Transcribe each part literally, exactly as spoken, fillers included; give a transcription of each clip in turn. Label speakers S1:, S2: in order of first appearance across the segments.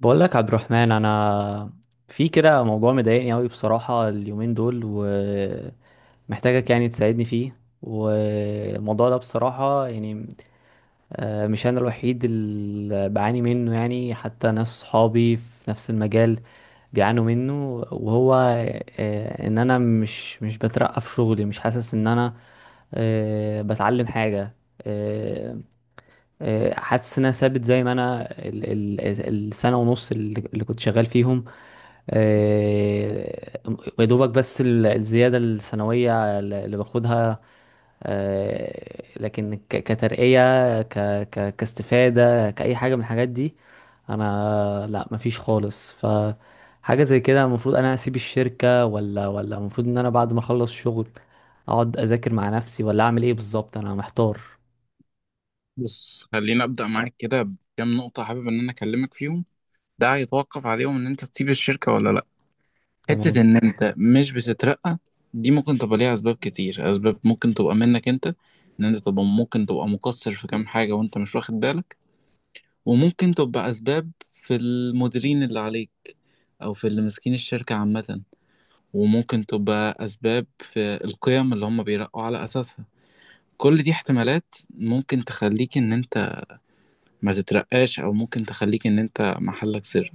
S1: بقول لك عبد الرحمن، انا في كده موضوع مضايقني قوي بصراحة اليومين دول، ومحتاجك يعني تساعدني فيه. والموضوع ده بصراحة يعني آه، مش انا الوحيد اللي بعاني منه يعني، حتى ناس صحابي في نفس المجال بيعانوا منه. وهو آه، ان انا مش مش بترقى في شغلي، مش حاسس ان انا آه، بتعلم حاجة. آه، آه، حاسس ان انا ثابت زي ما انا. ال- ال- السنه ونص اللي اللي كنت شغال فيهم، آه، يا دوبك بس ال- الزياده السنويه اللي باخدها، آه، لكن ك- كترقيه ك ك كاستفاده كاي حاجه من الحاجات دي، انا لا، مفيش خالص. ف حاجه زي كده، المفروض انا اسيب الشركه ولا ولا المفروض ان انا بعد ما اخلص شغل اقعد اذاكر مع نفسي؟ ولا اعمل ايه بالظبط؟ انا محتار.
S2: بص، خليني ابدا معاك كده بكام نقطه حابب ان انا اكلمك فيهم. ده هيتوقف عليهم ان انت تسيب الشركه ولا لا. حته
S1: تمام.
S2: ان انت مش بتترقى، دي ممكن تبقى ليها اسباب كتير. اسباب ممكن تبقى منك انت، ان انت تبقى ممكن تبقى مقصر في كام حاجه وانت مش واخد بالك. وممكن تبقى اسباب في المديرين اللي عليك او في اللي ماسكين الشركه عامه. وممكن تبقى اسباب في القيم اللي هم بيرقوا على اساسها. كل دي احتمالات ممكن تخليك ان انت ما تترقاش، او ممكن تخليك ان انت محلك سر.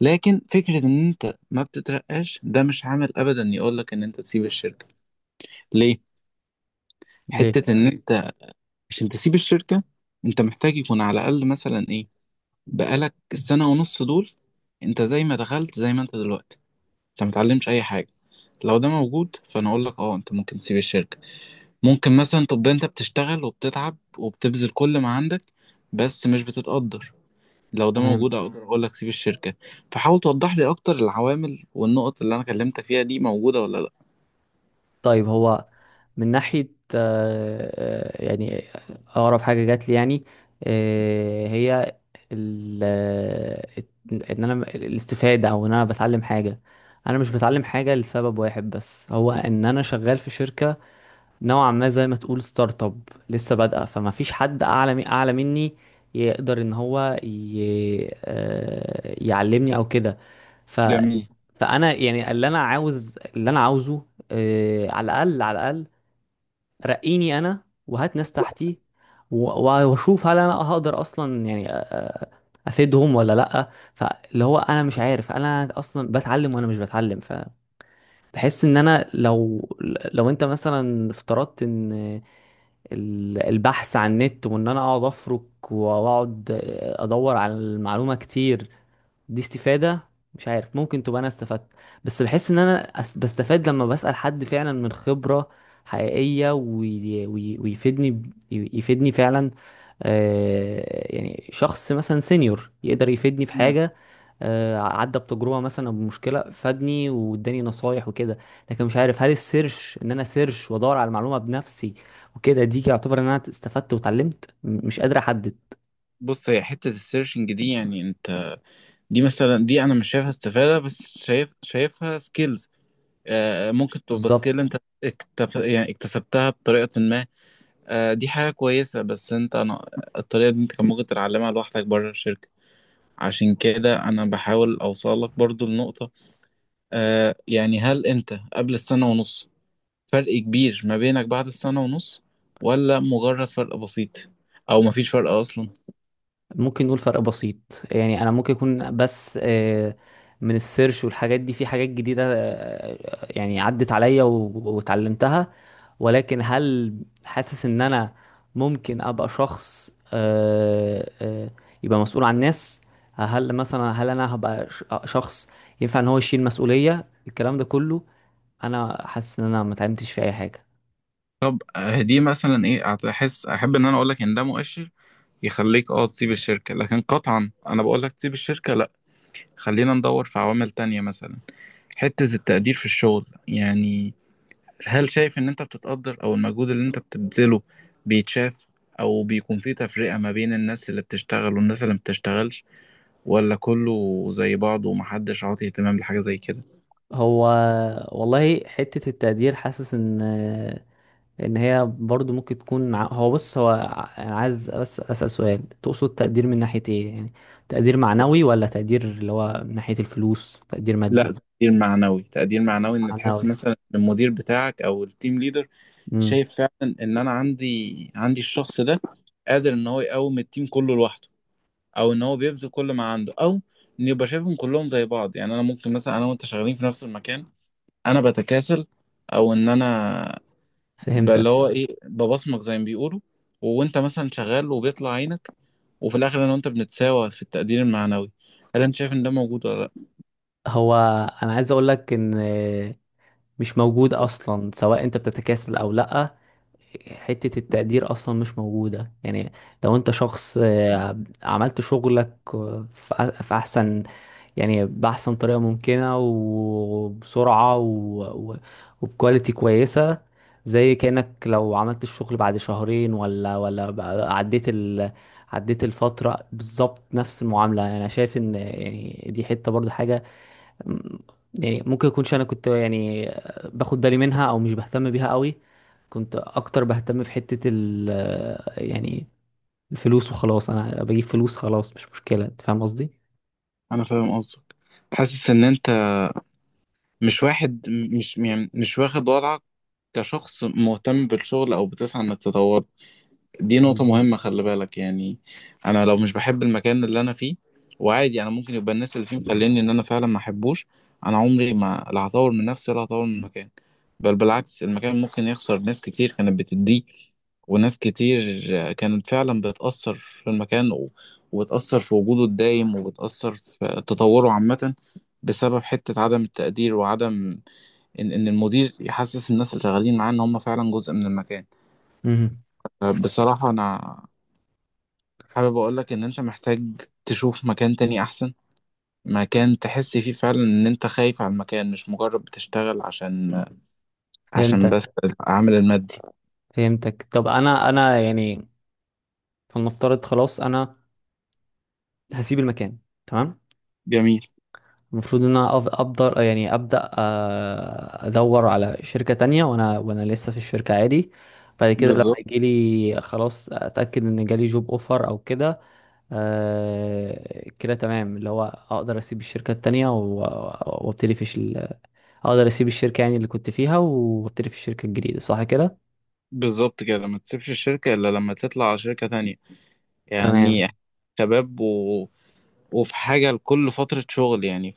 S2: لكن فكرة ان انت ما بتترقاش ده مش عامل ابدا يقولك ان انت تسيب الشركة. ليه؟
S1: ليه؟
S2: حتة ان انت عشان تسيب الشركة، انت محتاج يكون على الاقل مثلا ايه؟ بقالك السنة ونص دول انت زي ما دخلت زي ما انت دلوقتي، انت متعلمش اي حاجة. لو ده موجود فانا اقول لك اه انت ممكن تسيب الشركة. ممكن مثلا تبقى انت بتشتغل وبتتعب وبتبذل كل ما عندك بس مش بتتقدر. لو ده
S1: تمام.
S2: موجود اقدر اقول لك سيب الشركة. فحاول توضح لي اكتر العوامل والنقط اللي انا كلمتك فيها دي موجودة ولا لا.
S1: طيب هو من ناحية آه، آه، يعني أقرب حاجة جات لي يعني آه، هي ال آه، إن أنا الاستفادة أو إن أنا بتعلم حاجة. أنا مش بتعلم حاجة لسبب واحد بس، هو إن أنا شغال في شركة نوعا ما زي ما تقول ستارت اب، لسه بادئه. فما فيش حد اعلى مي- اعلى مني يقدر ان هو ي... آه، يعلمني او كده. ف
S2: جميل.
S1: فانا يعني اللي انا عاوز اللي انا عاوزه آه، على الاقل على الاقل رقيني انا وهات ناس تحتي، و- واشوف هل انا هقدر اصلا يعني افيدهم ولا لا. فاللي هو انا مش عارف انا اصلا بتعلم وانا مش بتعلم. ف بحس ان انا لو، لو انت مثلا افترضت ان ال- البحث عن النت وان انا اقعد افرك واقعد ادور على المعلومة كتير، دي استفادة؟ مش عارف، ممكن تبقى انا استفدت، بس بحس ان انا أس- بستفاد لما بسأل حد فعلا من خبرة حقيقية وي... وي... ويفيدني ب- ي- يفيدني فعلا. آه يعني شخص مثلا سينيور يقدر يفيدني في
S2: مم.
S1: حاجة، آه عدى بتجربة مثلا أو بمشكلة، فادني واداني نصايح وكده. لكن مش عارف هل السيرش، ان انا سيرش وادور على المعلومة بنفسي وكده، دي يعتبر ان انا استفدت واتعلمت؟ م- مش قادر احدد
S2: بص، هي حتة السيرشنج دي يعني انت، دي مثلا دي انا مش شايفها استفادة بس شايف شايفها سكيلز. آه، ممكن تبقى سكيل
S1: بالظبط.
S2: انت اكتف... يعني اكتسبتها بطريقة ما. آه، دي حاجة كويسة بس انت انا الطريقة دي انت كان ممكن تتعلمها لوحدك بره الشركة. عشان كده انا بحاول اوصلك برضو لنقطة، آه يعني هل انت قبل السنة ونص فرق كبير ما بينك بعد السنة ونص، ولا مجرد فرق بسيط، او مفيش فرق اصلا؟
S1: ممكن نقول فرق بسيط، يعني انا ممكن يكون بس آه، من السيرش والحاجات دي، في حاجات جديدة آه، يعني عدت عليا و- واتعلمتها. ولكن هل حاسس ان انا ممكن ابقى شخص آه، آه، يبقى مسؤول عن الناس؟ هل مثلا هل انا هبقى ش- شخص ينفع ان هو يشيل مسؤولية الكلام ده كله؟ انا حاسس ان انا ما اتعلمتش في اي حاجة.
S2: طب آه، دي مثلا ايه؟ احس احب ان انا اقول لك ان ده مؤشر يخليك اه تسيب الشركة، لكن قطعا انا بقول لك تسيب الشركة لا. خلينا ندور في عوامل تانية مثلا، حتة التقدير في الشغل يعني، هل شايف ان انت بتتقدر؟ او المجهود اللي انت بتبذله بيتشاف؟ او بيكون في تفرقة ما بين الناس اللي بتشتغل والناس اللي ما بتشتغلش، ولا كله زي بعضه ومحدش عاطي اهتمام لحاجة زي كده؟
S1: هو والله حتة التقدير، حاسس ان، لان هي برضو ممكن تكون ع- هو بص هو ع- انا عايز بس اسال سؤال: تقصد تقدير من ناحيه ايه يعني؟ تقدير معنوي ولا تقدير اللي هو من ناحيه الفلوس، تقدير
S2: لا،
S1: مادي؟
S2: تقدير معنوي. تقدير معنوي ان تحس
S1: معنوي.
S2: مثلا إن المدير بتاعك او التيم ليدر
S1: امم.
S2: شايف فعلا ان انا عندي عندي الشخص ده قادر ان هو يقوم التيم كله لوحده، او ان هو بيبذل كل ما عنده، او ان يبقى شايفهم كلهم زي بعض. يعني انا ممكن مثلا انا وانت شغالين في نفس المكان، انا بتكاسل او ان انا ب- اللي
S1: فهمتك.
S2: هو ايه ببصمك زي ما بيقولوا، وانت مثلا شغال وبيطلع عينك، وفي الاخر انا وانت بنتساوى في التقدير المعنوي. هل انت شايف ان ده موجود ولا لا؟
S1: هو انا عايز اقول لك ان مش موجود اصلا، سواء انت بتتكاسل او لا. حته التقدير اصلا مش موجوده يعني. لو انت شخص آه، عملت شغلك آه، في أح- في احسن، يعني بأحسن طريقة ممكنة وبسرعة و... و... وبكواليتي كويسة، زي كأنك لو عملت الشغل بعد شهرين ولا ولا بقى- عديت ال... عديت الفترة، بالظبط نفس المعاملة. أنا شايف إن يعني دي حتة برضو حاجة م- يعني ممكن يكونش أنا كنت يعني باخد بالي منها أو مش بهتم بيها قوي. كنت أكتر بهتم في حتة ال يعني الفلوس وخلاص، أنا بجيب فلوس خلاص، مش مشكلة. أنت فاهم قصدي؟
S2: انا فاهم قصدك. حاسس ان انت مش واحد مش يعني مش واخد وضعك كشخص مهتم بالشغل او بتسعى انك تطور. دي نقطة
S1: بالظبط.
S2: مهمة خلي بالك يعني. انا لو مش بحب المكان اللي انا فيه، وعادي انا ممكن يبقى الناس اللي فيه مخليني ان انا فعلا ما احبوش، انا عمري ما لا هطور من نفسي ولا هطور من المكان. بل بالعكس، المكان ممكن يخسر ناس كتير كانت بتديه وناس كتير كانت فعلا بتأثر في المكان و... وبتأثر في وجوده الدايم وبتأثر في تطوره عامة، بسبب حتة عدم التقدير وعدم ان ان المدير يحسس الناس اللي شغالين معاه ان هم فعلا جزء من المكان.
S1: امم.
S2: بصراحة انا حابب اقول لك ان انت محتاج تشوف مكان تاني احسن، مكان تحس فيه فعلا ان انت خايف على المكان، مش مجرد بتشتغل عشان عشان
S1: فهمتك.
S2: بس العامل المادي.
S1: فهمتك. طب انا انا يعني فلنفترض خلاص انا هسيب المكان. تمام.
S2: جميل.
S1: المفروض ان انا أف- ابدر يعني ابدا آه، ادور على شركة تانية، وانا وانا لسه في الشركة عادي. بعد كده لما
S2: بالظبط،
S1: يجي لي خلاص، اتاكد ان جالي جوب اوفر او كده، آه، كده تمام، اللي هو اقدر اسيب الشركة التانية و- وابتدي في ال... اقدر اسيب الشركة يعني اللي كنت فيها وابتدي في الشركة الجديدة. صح كده؟
S2: بالظبط كده. ما تسيبش الشركة الا لما تطلع على شركة تانية يعني،
S1: تمام.
S2: شباب و... وفي حاجة لكل فترة شغل يعني.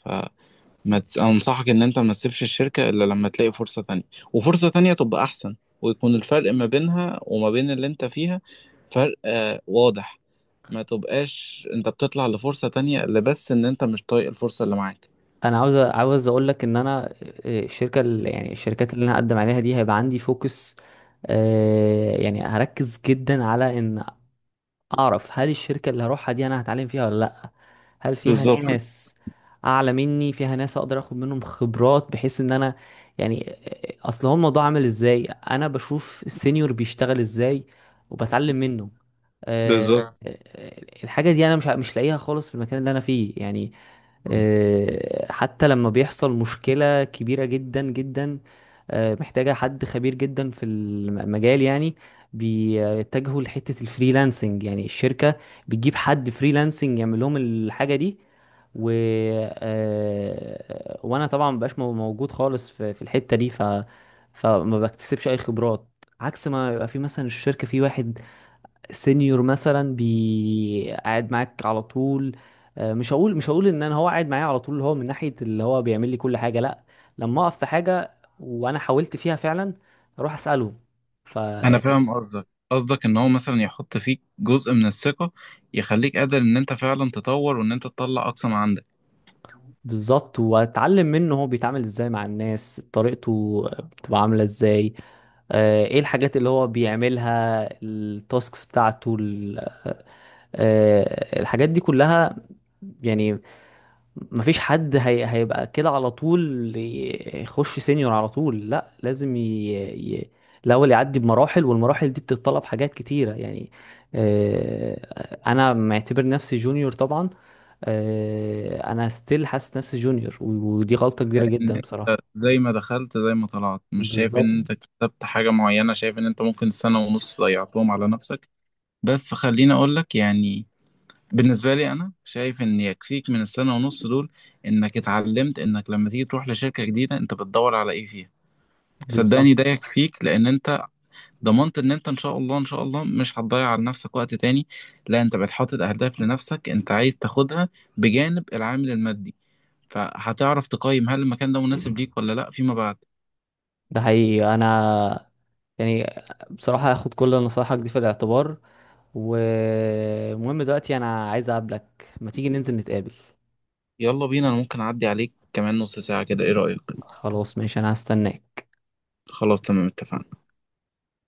S2: ما تس... انصحك ان انت ما تسيبش الشركة الا لما تلاقي فرصة تانية، وفرصة تانية تبقى احسن، ويكون الفرق ما بينها وما بين اللي انت فيها فرق آه واضح. ما تبقاش انت بتطلع لفرصة تانية الا بس ان انت مش طايق الفرصة اللي معاك.
S1: انا عاوز عاوز اقول لك ان انا آه، الشركه اللي يعني الشركات اللي انا هقدم عليها دي، هيبقى عندي فوكس آه، يعني هركز جدا على ان اعرف هل الشركه اللي هروحها دي انا هتعلم فيها ولا لا. هل فيها
S2: بالظبط،
S1: ناس اعلى مني، فيها ناس اقدر اخد منهم خبرات، بحيث ان انا يعني آه، اصل هو الموضوع عامل ازاي، انا بشوف السينيور بيشتغل ازاي وبتعلم منه. آه،
S2: بالظبط.
S1: آه، آه، الحاجه دي انا مش مش لاقيها خالص في المكان اللي انا فيه يعني. آه، حتى لما بيحصل مشكلة كبيرة جدا جدا، آه، محتاجة حد خبير جدا في المجال يعني، بيتجهوا لحتة الفريلانسنج. يعني الشركة بتجيب حد فريلانسنج يعمل لهم الحاجة دي، و آه، وانا طبعا مبقاش مو- موجود خالص في في الحتة دي. ف فما بكتسبش اي خبرات. عكس ما يبقى في مثلا الشركة في واحد سينيور مثلا بي قاعد معاك على طول، آه، مش هقول مش هقول ان انا هو قاعد معايا على طول، اللي هو من ناحيه اللي هو بيعمل لي كل حاجه، لا. لما اقف في حاجه وانا حاولت فيها فعلا، اروح اساله. ف مم.
S2: انا فاهم قصدك قصدك ان هو مثلا يحط فيك جزء من الثقة، يخليك قادر ان انت فعلا تطور وان انت تطلع اقصى ما عندك.
S1: بالظبط، واتعلم منه هو بيتعامل ازاي مع الناس، طريقته بتبقى عامله ازاي، آه، ايه الحاجات اللي هو بيعملها، التاسكس بتاعته ال- آه، الحاجات دي كلها يعني. مفيش حد هي... هيبقى كده على طول ي- يخش سينيور على طول، لا، لازم ي... ي... الاول يعدي بمراحل، والمراحل دي بتتطلب حاجات كتيره يعني. آه، انا معتبر نفسي جونيور طبعا. آه، انا ستيل حاسس نفسي جونيور، و- ودي غلطه
S2: ان
S1: كبيره جدا
S2: انت
S1: بصراحه.
S2: زي ما دخلت زي ما طلعت، مش شايف
S1: بالظبط،
S2: ان انت كتبت حاجة معينة، شايف ان انت ممكن سنة ونص ضيعتهم على نفسك. بس خليني اقول لك يعني بالنسبة لي، انا شايف ان يكفيك من السنة ونص دول انك اتعلمت انك لما تيجي تروح لشركة جديدة انت بتدور على ايه فيها. صدقني ده
S1: بالظبط.
S2: يكفيك، لان انت ضمنت ان انت ان شاء الله ان شاء الله مش هتضيع على نفسك وقت تاني. لا، انت بقيت حاطط اهداف لنفسك انت عايز تاخدها بجانب العامل المادي، فهتعرف تقيم هل المكان ده مناسب ليك ولا لا فيما بعد.
S1: ده حقيقي، انا يعني بصراحه هاخد كل نصايحك دي في الاعتبار. والمهم دلوقتي انا عايز اقابلك، ما تيجي ننزل نتقابل.
S2: يلا بينا، انا ممكن اعدي عليك كمان نص ساعة كده، ايه رأيك؟
S1: خلاص ماشي، انا هستناك.
S2: خلاص تمام، اتفقنا.